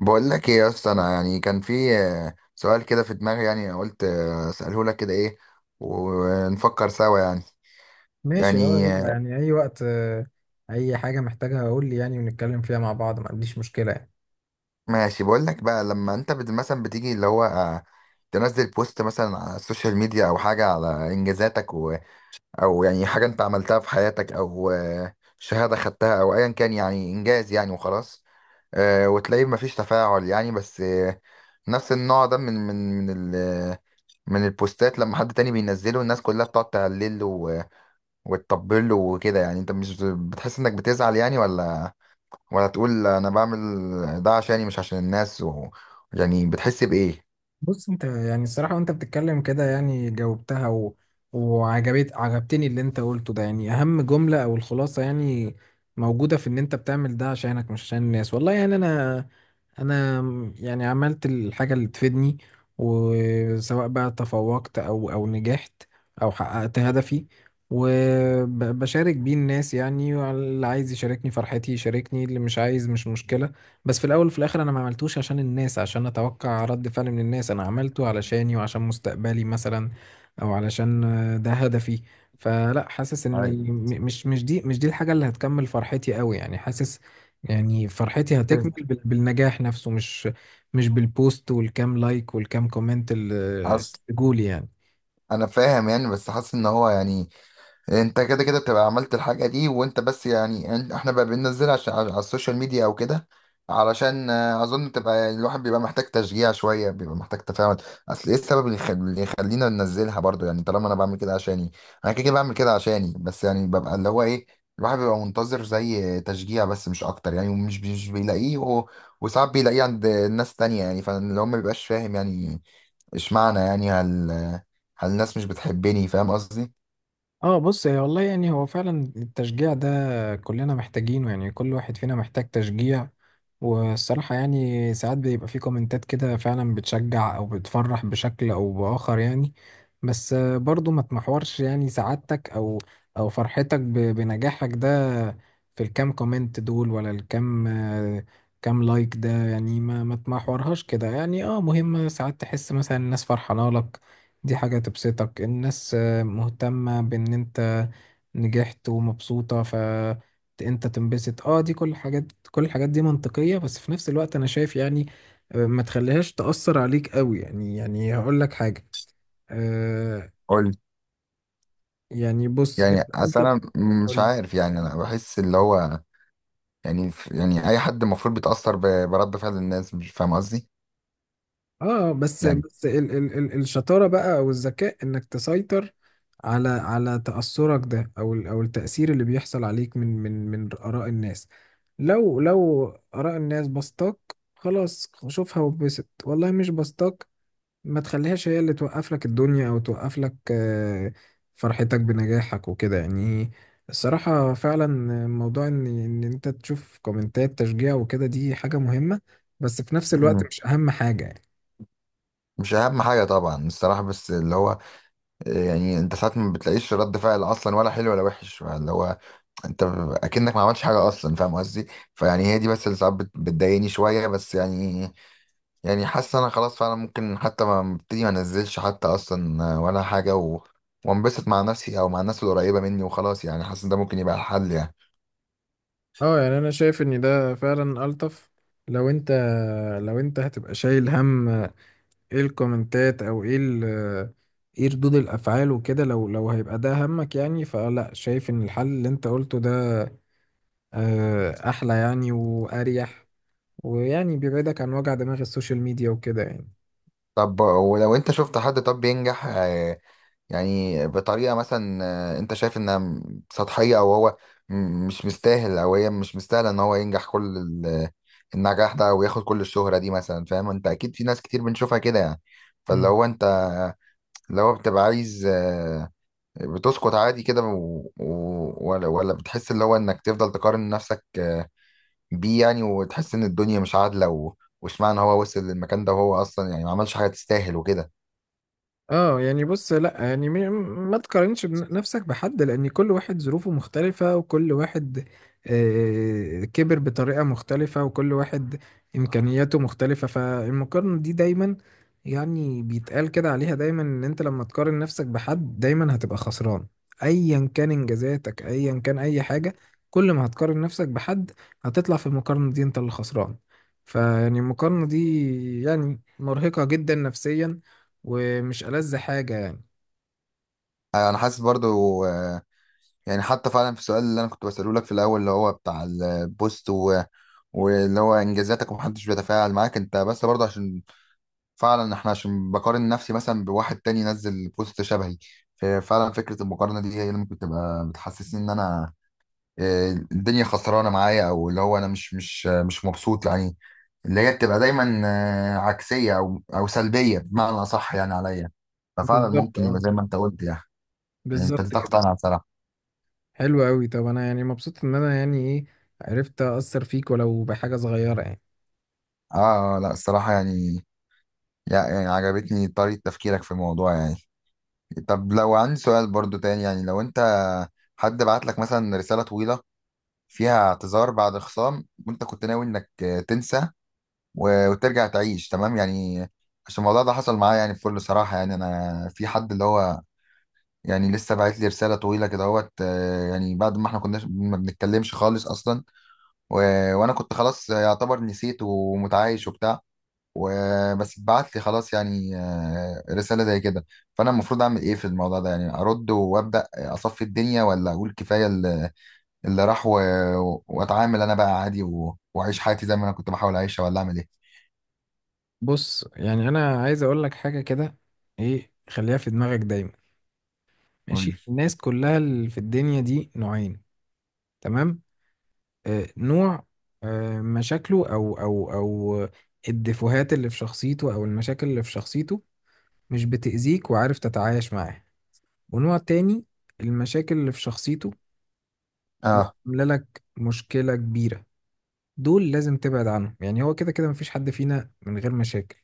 بقول لك ايه يا اسطى، انا يعني كان في سؤال كده في دماغي، يعني قلت اساله لك كده ايه ونفكر سوا يعني. ماشي، اه، يعني يلا، آه، يعني اي وقت، اي حاجة محتاجها اقول لي، يعني ونتكلم فيها مع بعض. ما عنديش مشكلة يعني. ماشي. بقول لك بقى لما انت مثلا بتيجي اللي هو تنزل بوست مثلا على السوشيال ميديا او حاجه على انجازاتك او يعني حاجه انت عملتها في حياتك او شهاده خدتها او ايا كان يعني انجاز يعني وخلاص. وتلاقيه مفيش تفاعل يعني، بس نفس النوع ده من من البوستات لما حد تاني بينزله الناس كلها بتقعد تهلل له وتطبل له وكده. يعني انت مش بتحس انك بتزعل يعني؟ ولا تقول انا بعمل ده عشاني مش عشان الناس يعني بتحس بإيه؟ بص، انت يعني الصراحة وانت بتتكلم كده يعني جاوبتها، وعجبت عجبتني اللي انت قلته ده، يعني اهم جملة او الخلاصة يعني موجودة في ان انت بتعمل ده عشانك، مش عشان الناس. والله يعني انا يعني عملت الحاجة اللي تفيدني، وسواء بقى تفوقت او نجحت او حققت هدفي وبشارك بيه الناس، يعني اللي عايز يشاركني فرحتي يشاركني، اللي مش عايز مش مشكلة. بس في الاول وفي الاخر انا ما عملتوش عشان الناس، عشان اتوقع رد فعل من الناس، انا عملته علشاني وعشان مستقبلي مثلا، او علشان، ده هدفي. فلا حاسس اني ايوه. مش دي الحاجة اللي هتكمل فرحتي قوي، يعني حاسس يعني فرحتي هتكمل بالنجاح نفسه، مش بالبوست والكام لايك والكام كومنت اللي حصل. جولي يعني. انا فاهم يعني، بس حاسس ان هو يعني انت كده كده بتبقى عملت الحاجة دي وانت بس يعني احنا بقى بننزلها عشان على السوشيال ميديا او كده علشان اظن تبقى يعني الواحد بيبقى محتاج تشجيع شوية، بيبقى محتاج تفاعل. اصل ايه السبب اللي يخلينا ننزلها برضو يعني؟ طالما انا بعمل كده عشاني، انا كده كده بعمل كده عشاني، بس يعني ببقى اللي هو ايه، الواحد بيبقى منتظر زي تشجيع بس، مش اكتر يعني، ومش مش بيلاقيه وساعات بيلاقيه عند ناس تانية يعني، فاللي هو ما بيبقاش فاهم يعني اشمعنى. يعني هل الناس مش بتحبني؟ فاهم قصدي؟ اه، بص، هي والله يعني هو فعلا التشجيع ده كلنا محتاجينه، يعني كل واحد فينا محتاج تشجيع، والصراحة يعني ساعات بيبقى في كومنتات كده فعلا بتشجع او بتفرح بشكل او بآخر يعني. بس برضو ما تمحورش يعني سعادتك او او فرحتك بنجاحك ده في الكام كومنت دول ولا الكام، كام لايك ده، يعني ما تمحورهاش كده. يعني اه مهم ساعات تحس مثلا الناس فرحانة لك، دي حاجة تبسطك، الناس مهتمة بان انت نجحت ومبسوطة فانت تنبسط. اه، دي كل الحاجات، كل الحاجات دي منطقية. بس في نفس الوقت انا شايف يعني، ما تخليهاش تأثر عليك قوي يعني هقول لك حاجة آه قول. يعني بص، يعني انت اصل انا مش قول لي. عارف، يعني انا بحس اللي هو يعني يعني اي حد المفروض بيتاثر برد فعل الناس. مش فاهم قصدي؟ اه، بس يعني. بس ال ال ال الشطارة بقى او الذكاء، انك تسيطر على تأثرك ده، او التأثير اللي بيحصل عليك من آراء الناس. لو آراء الناس بسطاك، خلاص شوفها وبسط. والله مش بسطاك، ما تخليهاش هي اللي توقف لك الدنيا، او توقف لك فرحتك بنجاحك وكده يعني. الصراحة فعلا موضوع ان انت تشوف كومنتات تشجيع وكده دي حاجة مهمة، بس في نفس الوقت مم. مش اهم حاجة. مش اهم حاجه طبعا الصراحه، بس اللي هو يعني انت ساعات ما بتلاقيش رد فعل اصلا، ولا حلو ولا وحش، اللي هو انت اكنك ما عملتش حاجه اصلا. فاهم قصدي؟ فيعني هي دي بس اللي ساعات بتضايقني شويه بس يعني. يعني حاسس انا خلاص، فعلا ممكن حتى ما ابتدي، ما انزلش حتى اصلا ولا حاجه وانبسط مع نفسي او مع الناس القريبه مني وخلاص يعني. حاسس إن ده ممكن يبقى الحل يعني. اه، يعني انا شايف ان ده فعلا الطف، لو انت لو انت هتبقى شايل هم ايه الكومنتات، او ايه ايه ردود الافعال وكده، لو هيبقى ده همك يعني، فلا شايف ان الحل اللي انت قلته ده احلى يعني واريح، ويعني بيبعدك عن وجع دماغ السوشيال ميديا وكده يعني. طب ولو انت شفت حد طب بينجح يعني بطريقة مثلا انت شايف انها سطحية، او هو مش مستاهل، او هي مش مستاهلة ان هو ينجح كل النجاح ده وياخد كل الشهرة دي مثلا. فاهم؟ انت اكيد في ناس كتير بنشوفها كده يعني. فاللي هو انت اللي هو بتبقى عايز بتسقط عادي كده ولا بتحس اللي هو انك تفضل تقارن نفسك بيه يعني، وتحس ان الدنيا مش عادلة واشمعنى هو وصل للمكان ده وهو اصلا يعني ما عملش حاجة تستاهل وكده. اه، يعني بص، لا يعني ما تقارنش نفسك بحد، لان كل واحد ظروفه مختلفة، وكل واحد كبر بطريقة مختلفة، وكل واحد امكانياته مختلفة. فالمقارنة دي دايما يعني بيتقال كده عليها دايما، ان انت لما تقارن نفسك بحد دايما هتبقى خسران، ايا كان انجازاتك، ايا كان اي حاجة. كل ما هتقارن نفسك بحد هتطلع في المقارنة دي انت اللي خسران، فيعني المقارنة دي يعني مرهقة جدا نفسيا، ومش ألذ حاجة يعني. أيوة، انا حاسس برضو يعني حتى فعلا في السؤال اللي انا كنت بسأله لك في الاول، اللي هو بتاع البوست واللي هو انجازاتك ومحدش بيتفاعل معاك انت، بس برضو عشان فعلا احنا، عشان بقارن نفسي مثلا بواحد تاني نزل بوست شبهي. ففعلا فكرة المقارنة دي هي اللي ممكن تبقى بتحسسني ان انا الدنيا خسرانة معايا، او اللي هو انا مش مبسوط يعني، اللي هي بتبقى دايما عكسية او سلبية بمعنى اصح يعني عليا. ففعلا بالظبط ممكن يبقى اه، زي ما انت قلت يعني. يعني بالظبط ابتديت كده. اقتنع بصراحة. حلو قوي. طب انا يعني مبسوط ان انا يعني ايه، عرفت اثر فيك ولو بحاجه صغيره يعني. اه لا، الصراحة يعني يعني عجبتني طريقة تفكيرك في الموضوع يعني. طب لو عندي سؤال برضو تاني يعني، لو انت حد بعت لك مثلا رسالة طويلة فيها اعتذار بعد خصام، وانت كنت ناوي انك تنسى وترجع تعيش تمام يعني. عشان الموضوع ده حصل معايا يعني، بكل صراحة يعني، انا في حد اللي هو يعني لسه بعت لي رسالة طويلة كده اهوت يعني بعد ما احنا كنا ما بنتكلمش خالص اصلا و... وانا كنت خلاص يعتبر نسيت ومتعايش وبتاع. وبس ابعت لي خلاص يعني رسالة زي كده. فأنا المفروض أعمل إيه في الموضوع ده يعني؟ أرد وأبدأ أصفي الدنيا، ولا أقول كفاية اللي راح وأتعامل أنا بقى عادي وأعيش حياتي زي ما أنا كنت بحاول أعيشها، ولا أعمل إيه؟ بص، يعني انا عايز اقول لك حاجه كده، ايه، خليها في دماغك دايما، قول لي. ماشي؟ الناس كلها اللي في الدنيا دي نوعين، تمام؟ نوع مشاكله، او الدفوهات اللي في شخصيته، او المشاكل اللي في شخصيته مش بتأذيك وعارف تتعايش معاها. ونوع تاني، المشاكل اللي في شخصيته آه. عامله لك مشكله كبيره، دول لازم تبعد عنهم. يعني هو كده كده مفيش حد فينا من غير مشاكل،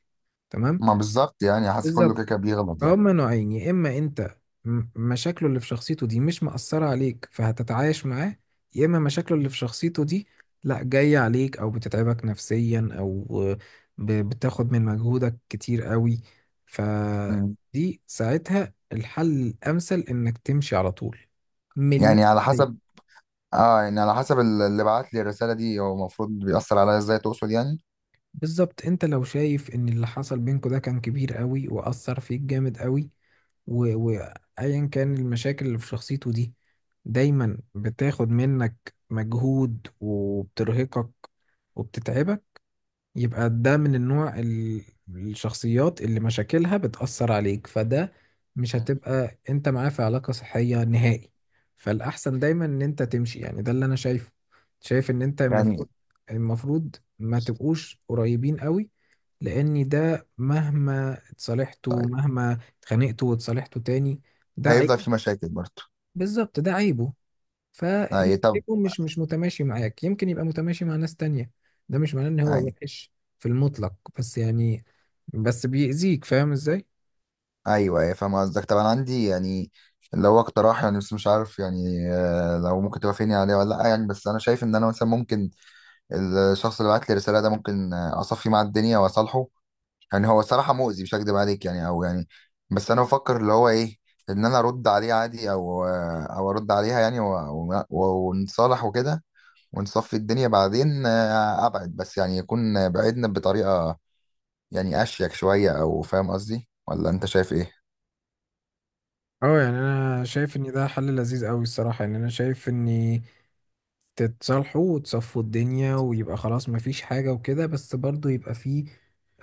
تمام؟ ما بالظبط يعني، حاسس كله بالظبط، كده كده بيغلط يعني. هما نوعين، يا اما انت مشاكله اللي في شخصيته دي مش مأثرة عليك فهتتعايش معاه، يا اما مشاكله اللي في شخصيته دي لا، جاية عليك او بتتعبك نفسيا، او بتاخد من مجهودك كتير قوي، مم. فدي ساعتها الحل الامثل انك تمشي على طول. مليون يعني على حسب. بالمية. يعني على حسب اللي بعت لي الرسالة دي، هو المفروض بيأثر عليا إزاي تقصد يعني؟ بالظبط. انت لو شايف ان اللي حصل بينكوا ده كان كبير قوي واثر فيك جامد قوي، و- وايا كان المشاكل اللي في شخصيته دي دايما بتاخد منك مجهود وبترهقك وبتتعبك، يبقى ده من النوع الشخصيات اللي مشاكلها بتأثر عليك، فده مش مم. هتبقى انت معاه في علاقة صحية نهائي. فالأحسن دايما ان انت تمشي، يعني ده اللي انا شايفه. شايف ان انت المفروض يعني المفروض ما تبقوش قريبين قوي، لان ده مهما اتصالحتوا، مهما اتخانقتوا واتصالحتوا تاني، ده عيب. هيفضل في مشاكل برضه. بالظبط، ده عيبه. فانت أي. طب. يكون مش متماشي معاك، يمكن يبقى متماشي مع ناس تانية، ده مش معناه ان هو أي. وحش في المطلق، بس يعني بس بيأذيك. فاهم ازاي؟ ايوه ايوه، فاهم قصدك. طب انا عندي يعني لو اقتراح يعني، بس مش عارف يعني لو ممكن توافقني عليه ولا لا يعني. بس انا شايف ان انا مثلا ممكن الشخص اللي بعت لي الرساله ده، ممكن اصفي مع الدنيا واصالحه. يعني هو صراحه مؤذي، مش هكدب عليك يعني، او يعني بس انا بفكر اللي هو ايه، ان انا ارد عليه عادي، او او ارد عليها يعني ونتصالح وكده، ونصفي الدنيا بعدين ابعد. بس يعني يكون بعدنا بطريقه يعني اشيك شويه، او فاهم قصدي؟ ولا انت شايف ايه؟ اه، يعني انا شايف ان ده حل لذيذ قوي الصراحه، يعني انا شايف ان تتصالحوا وتصفوا الدنيا، ويبقى خلاص مفيش حاجة وكده، بس برضو يبقى فيه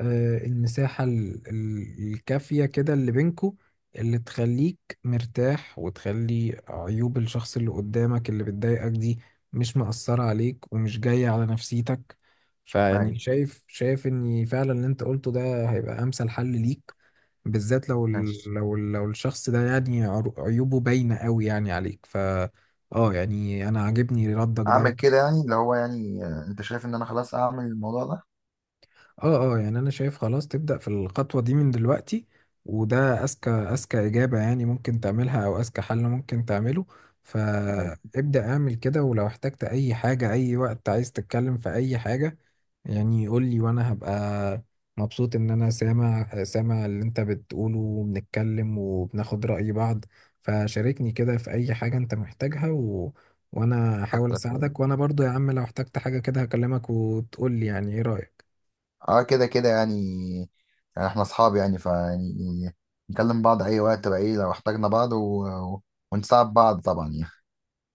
المساحة الكافية كده اللي بينكو، اللي تخليك مرتاح، وتخلي عيوب الشخص اللي قدامك اللي بتضايقك دي مش مأثرة عليك ومش جاية على نفسيتك. فيعني أيوة. شايف ان فعلا اللي انت قلته ده هيبقى امثل حل ليك، بالذات لو لو الشخص ده يعني عيوبه باينة قوي يعني عليك، ف اه، يعني انا عاجبني ردك اعمل ده. كده يعني اللي هو يعني انت شايف ان انا خلاص اعمل الموضوع ده؟ اه اه، يعني انا شايف خلاص تبدأ في الخطوة دي من دلوقتي، وده اذكى اجابة يعني ممكن تعملها، او اذكى حل ممكن تعمله. عادي. فابدأ اعمل كده، ولو احتجت اي حاجة اي وقت، عايز تتكلم في اي حاجة يعني، يقول لي، وانا هبقى مبسوط ان انا سامع اللي انت بتقوله، وبنتكلم وبناخد رأي بعض. فشاركني كده في اي حاجة انت محتاجها، وانا هحاول كتر خير. اساعدك، وانا برضو يا عم لو احتجت حاجة كده هكلمك وتقول لي يعني ايه رأيك. اه كده كده يعني، يعني احنا اصحاب يعني، فيعني نكلم بعض اي وقت بقى ايه لو احتاجنا بعض و- ونساعد بعض طبعا يعني.